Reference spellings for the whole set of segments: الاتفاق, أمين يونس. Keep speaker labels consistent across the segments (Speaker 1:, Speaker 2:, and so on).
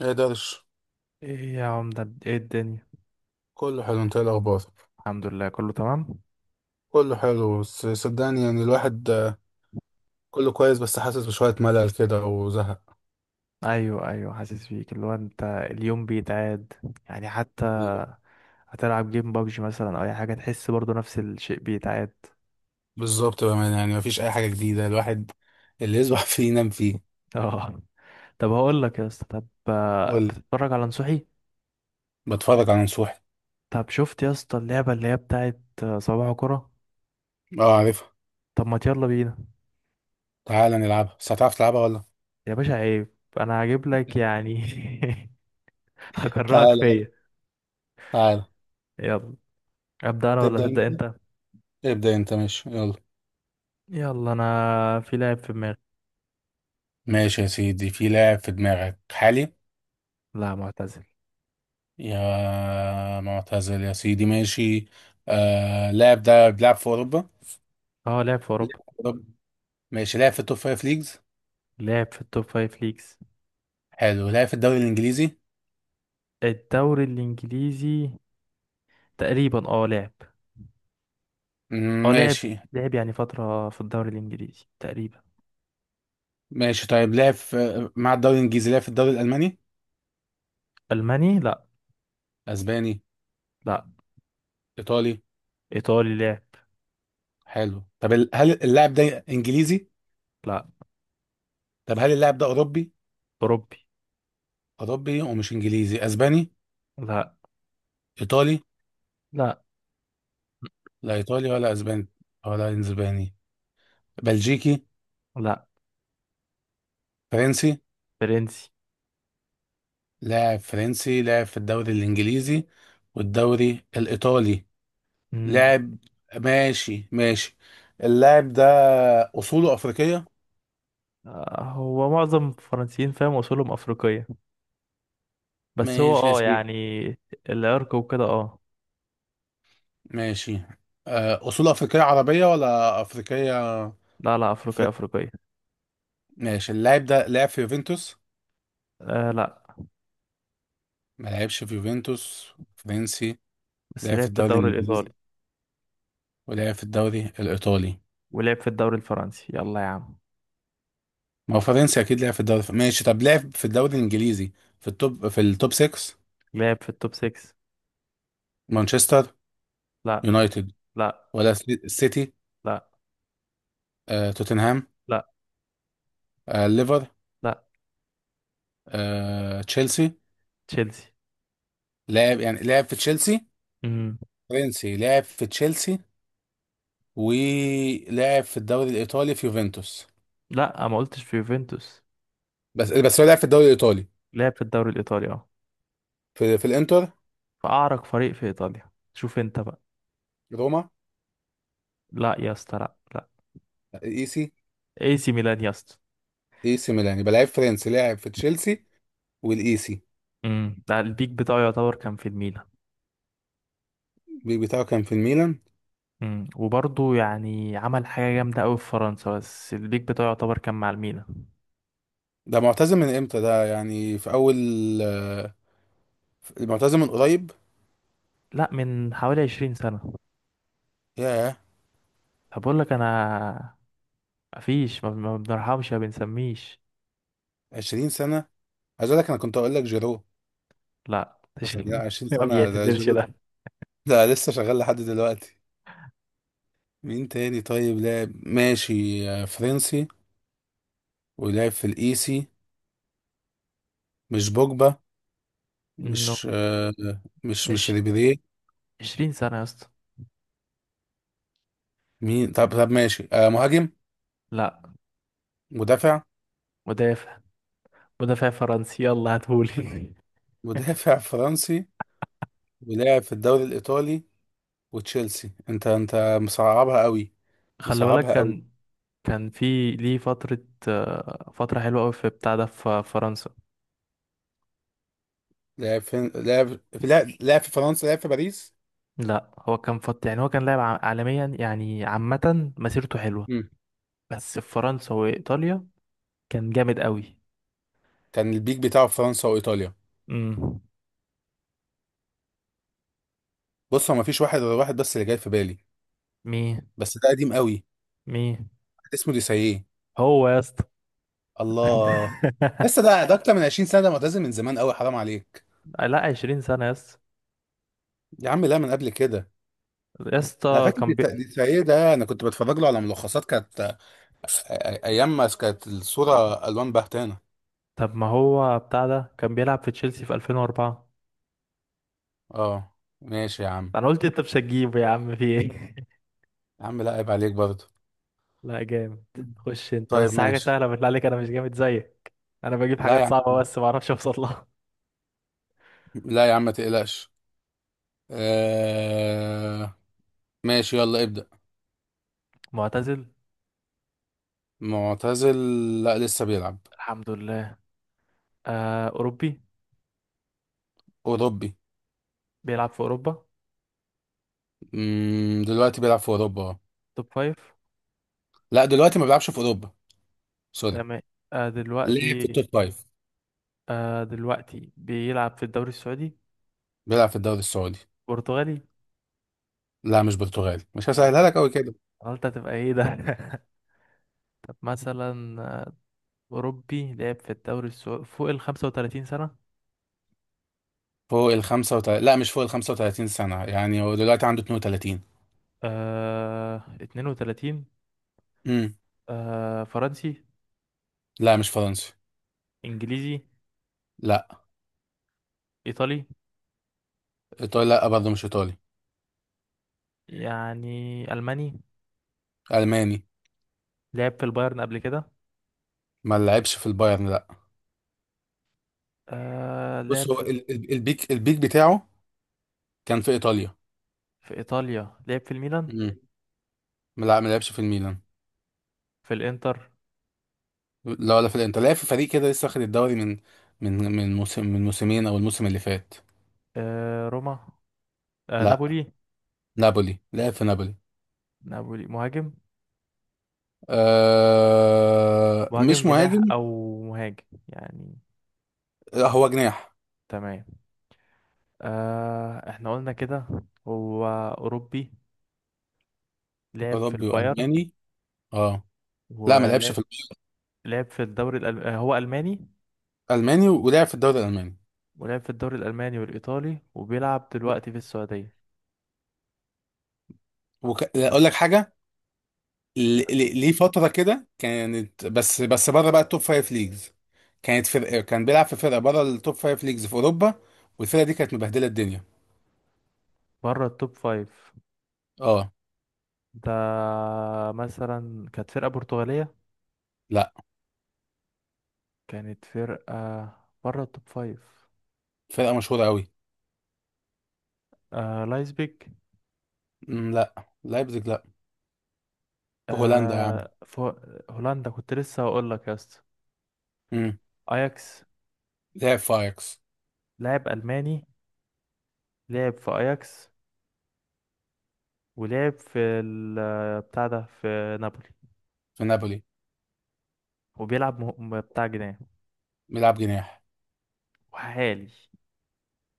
Speaker 1: ايه درش؟
Speaker 2: ايه يا عمدة؟ ايه الدنيا؟
Speaker 1: كله حلو، انت ايه الاخبار؟
Speaker 2: الحمد لله، كله تمام.
Speaker 1: كله حلو بس صدقني يعني الواحد كله كويس بس حاسس بشوية ملل كده وزهق.
Speaker 2: ايوه، ايوه، حاسس بيك، اللي هو انت اليوم بيتعاد يعني حتى.
Speaker 1: بالظبط
Speaker 2: هتلعب جيم بابجي مثلا او اي حاجة، تحس برضو نفس الشيء بيتعاد.
Speaker 1: بالظبط بأمانة يعني مفيش اي حاجة جديدة. الواحد اللي يصبح فيه ينام فيه.
Speaker 2: اه. طب هقول لك يا اسطى، طب
Speaker 1: قول.
Speaker 2: بتتفرج على نصوحي؟
Speaker 1: بتفرج على نصوحي.
Speaker 2: طب شفت يا اسطى اللعبة اللي هي بتاعت صباح كرة؟
Speaker 1: اه عارفها.
Speaker 2: طب ما يلا بينا.
Speaker 1: تعالى نلعبها، بس هتعرف تلعبها ولا؟
Speaker 2: يا باشا، عيب. انا هجيب لك يعني.
Speaker 1: تعالى
Speaker 2: هكرهك
Speaker 1: يلا،
Speaker 2: فيا.
Speaker 1: تعالى.
Speaker 2: يلا. ابدا انا ولا
Speaker 1: تبدأ انت.
Speaker 2: تبدا انت؟
Speaker 1: ابدأ انت، ماشي يلا.
Speaker 2: يلا. انا في لاعب في دماغي.
Speaker 1: ماشي يا سيدي، في لاعب في دماغك حالي.
Speaker 2: لا، معتزل.
Speaker 1: يا معتزل يا سيدي، ماشي. آه، اللاعب ده بيلعب في
Speaker 2: اه، لعب في اوروبا.
Speaker 1: أوروبا. ماشي، لعب في التوب فايف ليجز.
Speaker 2: لعب في التوب فايف ليجز.
Speaker 1: حلو، لعب في الدوري الانجليزي.
Speaker 2: الدوري الانجليزي تقريبا. اه، لعب.
Speaker 1: مم،
Speaker 2: اه، لعب.
Speaker 1: ماشي.
Speaker 2: لعب يعني فترة في الدوري الانجليزي تقريبا.
Speaker 1: ماشي طيب، لعب في مع الدوري الانجليزي، لعب في الدوري الالماني.
Speaker 2: الماني؟ لا.
Speaker 1: اسباني.
Speaker 2: لا،
Speaker 1: ايطالي.
Speaker 2: ايطالي لعب.
Speaker 1: حلو. طب هل اللاعب ده انجليزي؟
Speaker 2: لا.
Speaker 1: طب هل اللاعب ده اوروبي؟
Speaker 2: اوروبي.
Speaker 1: اوروبي ومش انجليزي، اسباني.
Speaker 2: لا،
Speaker 1: ايطالي.
Speaker 2: لا.
Speaker 1: لا ايطالي ولا اسباني، ولا اسباني بلجيكي.
Speaker 2: لا.
Speaker 1: فرنسي.
Speaker 2: فرنسي.
Speaker 1: لاعب فرنسي، لاعب في الدوري الانجليزي والدوري الايطالي،
Speaker 2: امم.
Speaker 1: لاعب. ماشي ماشي. اللاعب ده اصوله افريقيه.
Speaker 2: هو معظم الفرنسيين فاهم اصولهم افريقيه، بس هو
Speaker 1: ماشي يا سيدي،
Speaker 2: يعني العرق وكده، اه.
Speaker 1: ماشي. أصول أفريقية عربية ولا أفريقية؟
Speaker 2: لا، لا، افريقيه،
Speaker 1: أفريقية.
Speaker 2: افريقيه.
Speaker 1: ماشي، اللاعب ده لعب في يوفنتوس.
Speaker 2: لا.
Speaker 1: ما لعبش في يوفنتوس فرنسي،
Speaker 2: بس
Speaker 1: لعب في
Speaker 2: لعب في
Speaker 1: الدوري
Speaker 2: الدوري الايطالي.
Speaker 1: الإنجليزي ولعب في الدوري الإيطالي.
Speaker 2: ولعب في الدوري الفرنسي، يلا يا عم.
Speaker 1: ما هو فرنسي أكيد لعب في الدوري، ماشي. طب لعب في الدوري الإنجليزي في التوب 6.
Speaker 2: لعب في التوب 6.
Speaker 1: مانشستر
Speaker 2: لا،
Speaker 1: يونايتد.
Speaker 2: لا،
Speaker 1: ولا سيتي؟
Speaker 2: لا،
Speaker 1: توتنهام؟
Speaker 2: لا،
Speaker 1: ليفر؟
Speaker 2: لا،
Speaker 1: تشيلسي؟
Speaker 2: تشيلسي.
Speaker 1: لعب يعني لعب في تشيلسي.
Speaker 2: امم.
Speaker 1: فرنسي لعب في تشيلسي، ولعب في الدوري الايطالي في يوفنتوس.
Speaker 2: لا، ما قلتش في يوفنتوس.
Speaker 1: بس هو لعب في الدوري الايطالي.
Speaker 2: لعب في الدوري الايطالي، اه.
Speaker 1: في الانتر.
Speaker 2: فاعرق فريق في ايطاليا، شوف انت بقى.
Speaker 1: روما.
Speaker 2: لا يا اسطى، لا، لا.
Speaker 1: ايسي.
Speaker 2: اي سي ميلان يا اسطى.
Speaker 1: ايسي ميلان، يبقى لعيب فرنسي لعب في تشيلسي والايسي.
Speaker 2: ده البيك بتاعه يعتبر كان في الميلان.
Speaker 1: بتاعه كان في الميلان.
Speaker 2: وبرضه يعني عمل حاجة جامدة أوي في فرنسا، بس البيك بتاعه يعتبر كان مع الميلان.
Speaker 1: ده معتزل من امتى ده؟ يعني في اول، آه، معتزل من قريب؟
Speaker 2: لا، من حوالي 20 سنة.
Speaker 1: ياه.
Speaker 2: طب أقول لك أنا، مفيش، ما بنرحمش ما بنسميش.
Speaker 1: 20 سنه؟ عايز اقول لك انا كنت اقول لك جيرو.
Speaker 2: لا.
Speaker 1: بس لا، 20
Speaker 2: ما
Speaker 1: سنه ده،
Speaker 2: بيعتزلش
Speaker 1: جيرو ده
Speaker 2: ده.
Speaker 1: لا، لسه شغال لحد دلوقتي. مين تاني؟ طيب لعب، ماشي، فرنسي ولعب في الايسي. مش بوجبا.
Speaker 2: نو.
Speaker 1: مش آه، مش ريبيري.
Speaker 2: 20 سنة يا اسطى.
Speaker 1: مين؟ طب طب ماشي، مهاجم؟
Speaker 2: لا،
Speaker 1: مدافع.
Speaker 2: مدافع. مدافع فرنسي، يلا هاتهولي.
Speaker 1: مدافع فرنسي ولاعب في الدوري الإيطالي وتشيلسي. انت مصعبها قوي.
Speaker 2: خلي بالك،
Speaker 1: مصعبها قوي.
Speaker 2: كان كان في ليه فترة، فترة حلوة أوي في بتاع ده في فرنسا.
Speaker 1: لاعب في فرنسا، لاعب في باريس.
Speaker 2: لا، هو كان يعني هو كان لاعب عالميا يعني، عامة مسيرته حلوة.
Speaker 1: مم.
Speaker 2: بس في فرنسا وإيطاليا كان جامد أوي.
Speaker 1: كان البيك بتاعه في فرنسا وإيطاليا.
Speaker 2: امم.
Speaker 1: بص، هو مفيش واحد غير واحد بس اللي جاي في بالي،
Speaker 2: مين؟
Speaker 1: بس ده قديم قوي.
Speaker 2: مين
Speaker 1: واحد اسمه ديساييه.
Speaker 2: هو يا اسطى؟
Speaker 1: الله. لسه؟ ده اكتر من 20 سنة ده، معتزل من زمان قوي، حرام عليك.
Speaker 2: لا، 20 سنة يا اسطى.
Speaker 1: يا عم لا، من قبل كده.
Speaker 2: يا
Speaker 1: انا
Speaker 2: اسطى،
Speaker 1: فاكر
Speaker 2: كان
Speaker 1: دي دي السيد ده، انا كنت بتفرج له على ملخصات كانت، ايام ما كانت الصوره الوان بهتانه.
Speaker 2: طب ما هو بتاع ده كان بيلعب في تشيلسي في 2004.
Speaker 1: اه ماشي يا عم.
Speaker 2: انا قلت انت مش هتجيبه يا عم، في ايه؟
Speaker 1: يا عم لا، عيب عليك برضه.
Speaker 2: لا، جامد. خش انت
Speaker 1: طيب
Speaker 2: بس حاجه
Speaker 1: ماشي.
Speaker 2: سهله بالله عليك، انا مش جامد زيك. انا بجيب
Speaker 1: لا يا
Speaker 2: حاجات
Speaker 1: عم،
Speaker 2: صعبه بس ما اعرفش اوصل لها.
Speaker 1: لا يا عم ما تقلقش. آه... ماشي يلا ابدأ.
Speaker 2: معتزل؟
Speaker 1: معتزل؟ لا لسه بيلعب.
Speaker 2: الحمد لله. آه، أوروبي.
Speaker 1: أوروبي.
Speaker 2: بيلعب في أوروبا.
Speaker 1: دلوقتي بيلعب في أوروبا اه.
Speaker 2: توب فايف؟
Speaker 1: لا دلوقتي ما بيلعبش في أوروبا، سوري.
Speaker 2: تمام. آه،
Speaker 1: ليه، في
Speaker 2: دلوقتي.
Speaker 1: التوب فايف؟
Speaker 2: آه، دلوقتي بيلعب في الدوري السعودي.
Speaker 1: بيلعب في الدوري السعودي.
Speaker 2: برتغالي؟
Speaker 1: لا مش برتغالي، مش
Speaker 2: أنا
Speaker 1: هسهلها
Speaker 2: قلت،
Speaker 1: لك أوي كده.
Speaker 2: أنا قلت هتبقى إيه ده؟ طب مثلا، أوروبي لعب في الدوري السعودي فوق ال 35 سنة.
Speaker 1: فوق ال 35؟ لا مش فوق ال 35 سنة، يعني هو دلوقتي عنده 32.
Speaker 2: آه، 32.
Speaker 1: امم.
Speaker 2: فرنسي؟
Speaker 1: لا مش فرنسي.
Speaker 2: انجليزي؟
Speaker 1: لا.
Speaker 2: ايطالي؟
Speaker 1: ايطالي لا برضه مش ايطالي.
Speaker 2: يعني الماني؟
Speaker 1: الماني.
Speaker 2: لعب في البايرن قبل كده؟
Speaker 1: ما لعبش في البايرن لا. بص
Speaker 2: لعب
Speaker 1: هو
Speaker 2: في،
Speaker 1: البيك بتاعه كان في ايطاليا.
Speaker 2: في ايطاليا لعب في الميلان؟
Speaker 1: امم. لا ما لعبش في الميلان.
Speaker 2: في الانتر؟
Speaker 1: لا ولا في الانتر، لعب في فريق كده لسه واخد الدوري من موسم من موسمين او الموسم اللي فات.
Speaker 2: روما؟
Speaker 1: لا.
Speaker 2: نابولي؟
Speaker 1: نابولي، لعب في نابولي.
Speaker 2: نابولي؟ مهاجم؟
Speaker 1: آه
Speaker 2: مهاجم
Speaker 1: مش
Speaker 2: جناح
Speaker 1: مهاجم.
Speaker 2: او مهاجم يعني.
Speaker 1: لا، هو جناح.
Speaker 2: تمام. احنا قلنا كده. هو اوروبي، لعب في
Speaker 1: اوروبي
Speaker 2: البايرن
Speaker 1: والماني. اه. لا ما لعبش
Speaker 2: ولعب،
Speaker 1: في
Speaker 2: لعب في الدوري الألم... آه، هو الماني،
Speaker 1: الماني ولعب في الدوري الالماني.
Speaker 2: ولعب في الدوري الالماني والايطالي، وبيلعب
Speaker 1: ب-
Speaker 2: دلوقتي في السعودية.
Speaker 1: اقول لك حاجه، ليه فتره كده كانت، بس بره بقى التوب فايف ليجز. كانت فرقه كان بيلعب في فرقه بره التوب فايف ليجز في اوروبا، والفرقه دي كانت مبهدله الدنيا.
Speaker 2: بره التوب فايف؟
Speaker 1: اه.
Speaker 2: ده مثلا كانت فرقة برتغالية؟
Speaker 1: لا،
Speaker 2: كانت فرقة بره التوب فايف.
Speaker 1: فرقه مشهوره قوي.
Speaker 2: لايبزيج؟
Speaker 1: مم، لا لايبزيج لا. في هولندا يا عم.
Speaker 2: آه فو... هولندا! كنت لسه هقول لك يا اسطى.
Speaker 1: امم.
Speaker 2: اياكس.
Speaker 1: لعب في اياكس.
Speaker 2: لاعب ألماني، لعب في اياكس، ولعب في ال... آه، بتاع ده في نابولي،
Speaker 1: في نابولي.
Speaker 2: وبيلعب بتاع جناح.
Speaker 1: بيلعب جناح.
Speaker 2: وحالي.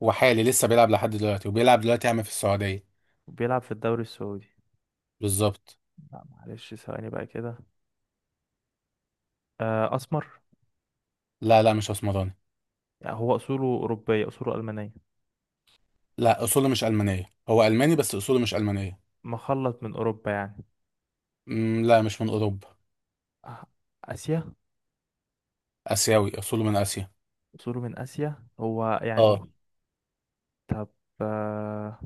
Speaker 1: وحالي لسه بيلعب لحد دلوقتي، وبيلعب دلوقتي يا عم في السعوديه.
Speaker 2: وبيلعب في الدوري السعودي.
Speaker 1: بالظبط.
Speaker 2: لا معلش، ثواني بقى كده. أسمر؟
Speaker 1: لا لا مش اسمراني.
Speaker 2: يعني هو أصوله أوروبية، أصوله ألمانية؟
Speaker 1: لا اصوله مش المانيه، هو الماني بس اصوله مش المانيه.
Speaker 2: مخلط من أوروبا يعني؟
Speaker 1: مم، لا مش من اوروبا.
Speaker 2: آه، آسيا؟
Speaker 1: اسيوي، اصوله من اسيا.
Speaker 2: أصوله من آسيا هو
Speaker 1: اه.
Speaker 2: يعني؟ طب، آه،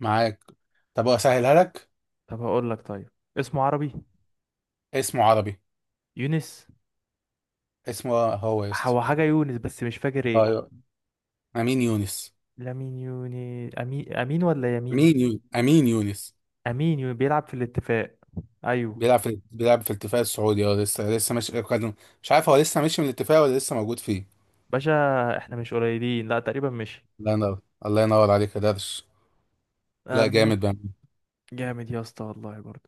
Speaker 1: معاك. طب اسهلها لك.
Speaker 2: طب هقول لك طيب، اسمه عربي.
Speaker 1: اسمه عربي.
Speaker 2: يونس؟
Speaker 1: اسمه هو يا اسطى.
Speaker 2: هو حاجة يونس بس مش فاكر ايه.
Speaker 1: ايوه. امين يونس.
Speaker 2: لامين يوني، أمين، أمين ولا يمين؟
Speaker 1: امين يونس، امين يونس.
Speaker 2: أمين بيلعب في الاتفاق. أيوه.
Speaker 1: بيلعب في الاتفاق السعودي اه. لسه مش مش عارف هو لسه ماشي من الاتفاق ولا لسه موجود فيه.
Speaker 2: باشا، احنا مش قليلين، لا تقريبا مش.
Speaker 1: الله ينور. الله ينور عليك يا درش. لا
Speaker 2: المهم،
Speaker 1: جامد بقى.
Speaker 2: جامد يا اسطى والله برضه.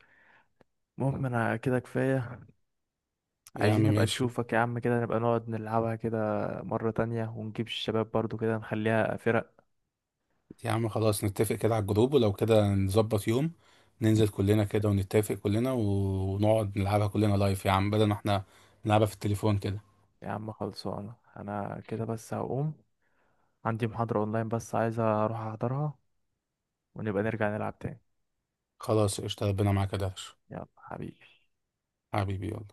Speaker 2: المهم انا كده كفاية.
Speaker 1: يا عم
Speaker 2: عايزين نبقى
Speaker 1: ماشي.
Speaker 2: نشوفك يا عم كده، نبقى نقعد نلعبها كده مرة تانية، ونجيب الشباب برضو كده، نخليها فرق.
Speaker 1: يا عم خلاص، نتفق كده على الجروب، ولو كده نظبط يوم ننزل كلنا كده، ونتفق كلنا ونقعد نلعبها كلنا لايف يا عم، بدل ما احنا نلعبها في التليفون كده.
Speaker 2: يا عم خلصانة، انا كده بس هقوم، عندي محاضرة اونلاين بس عايز اروح احضرها، ونبقى نرجع نلعب تاني.
Speaker 1: خلاص، قشطة، ربنا معاك يا درش.
Speaker 2: يلا حبيبي.
Speaker 1: حبيبي يلا.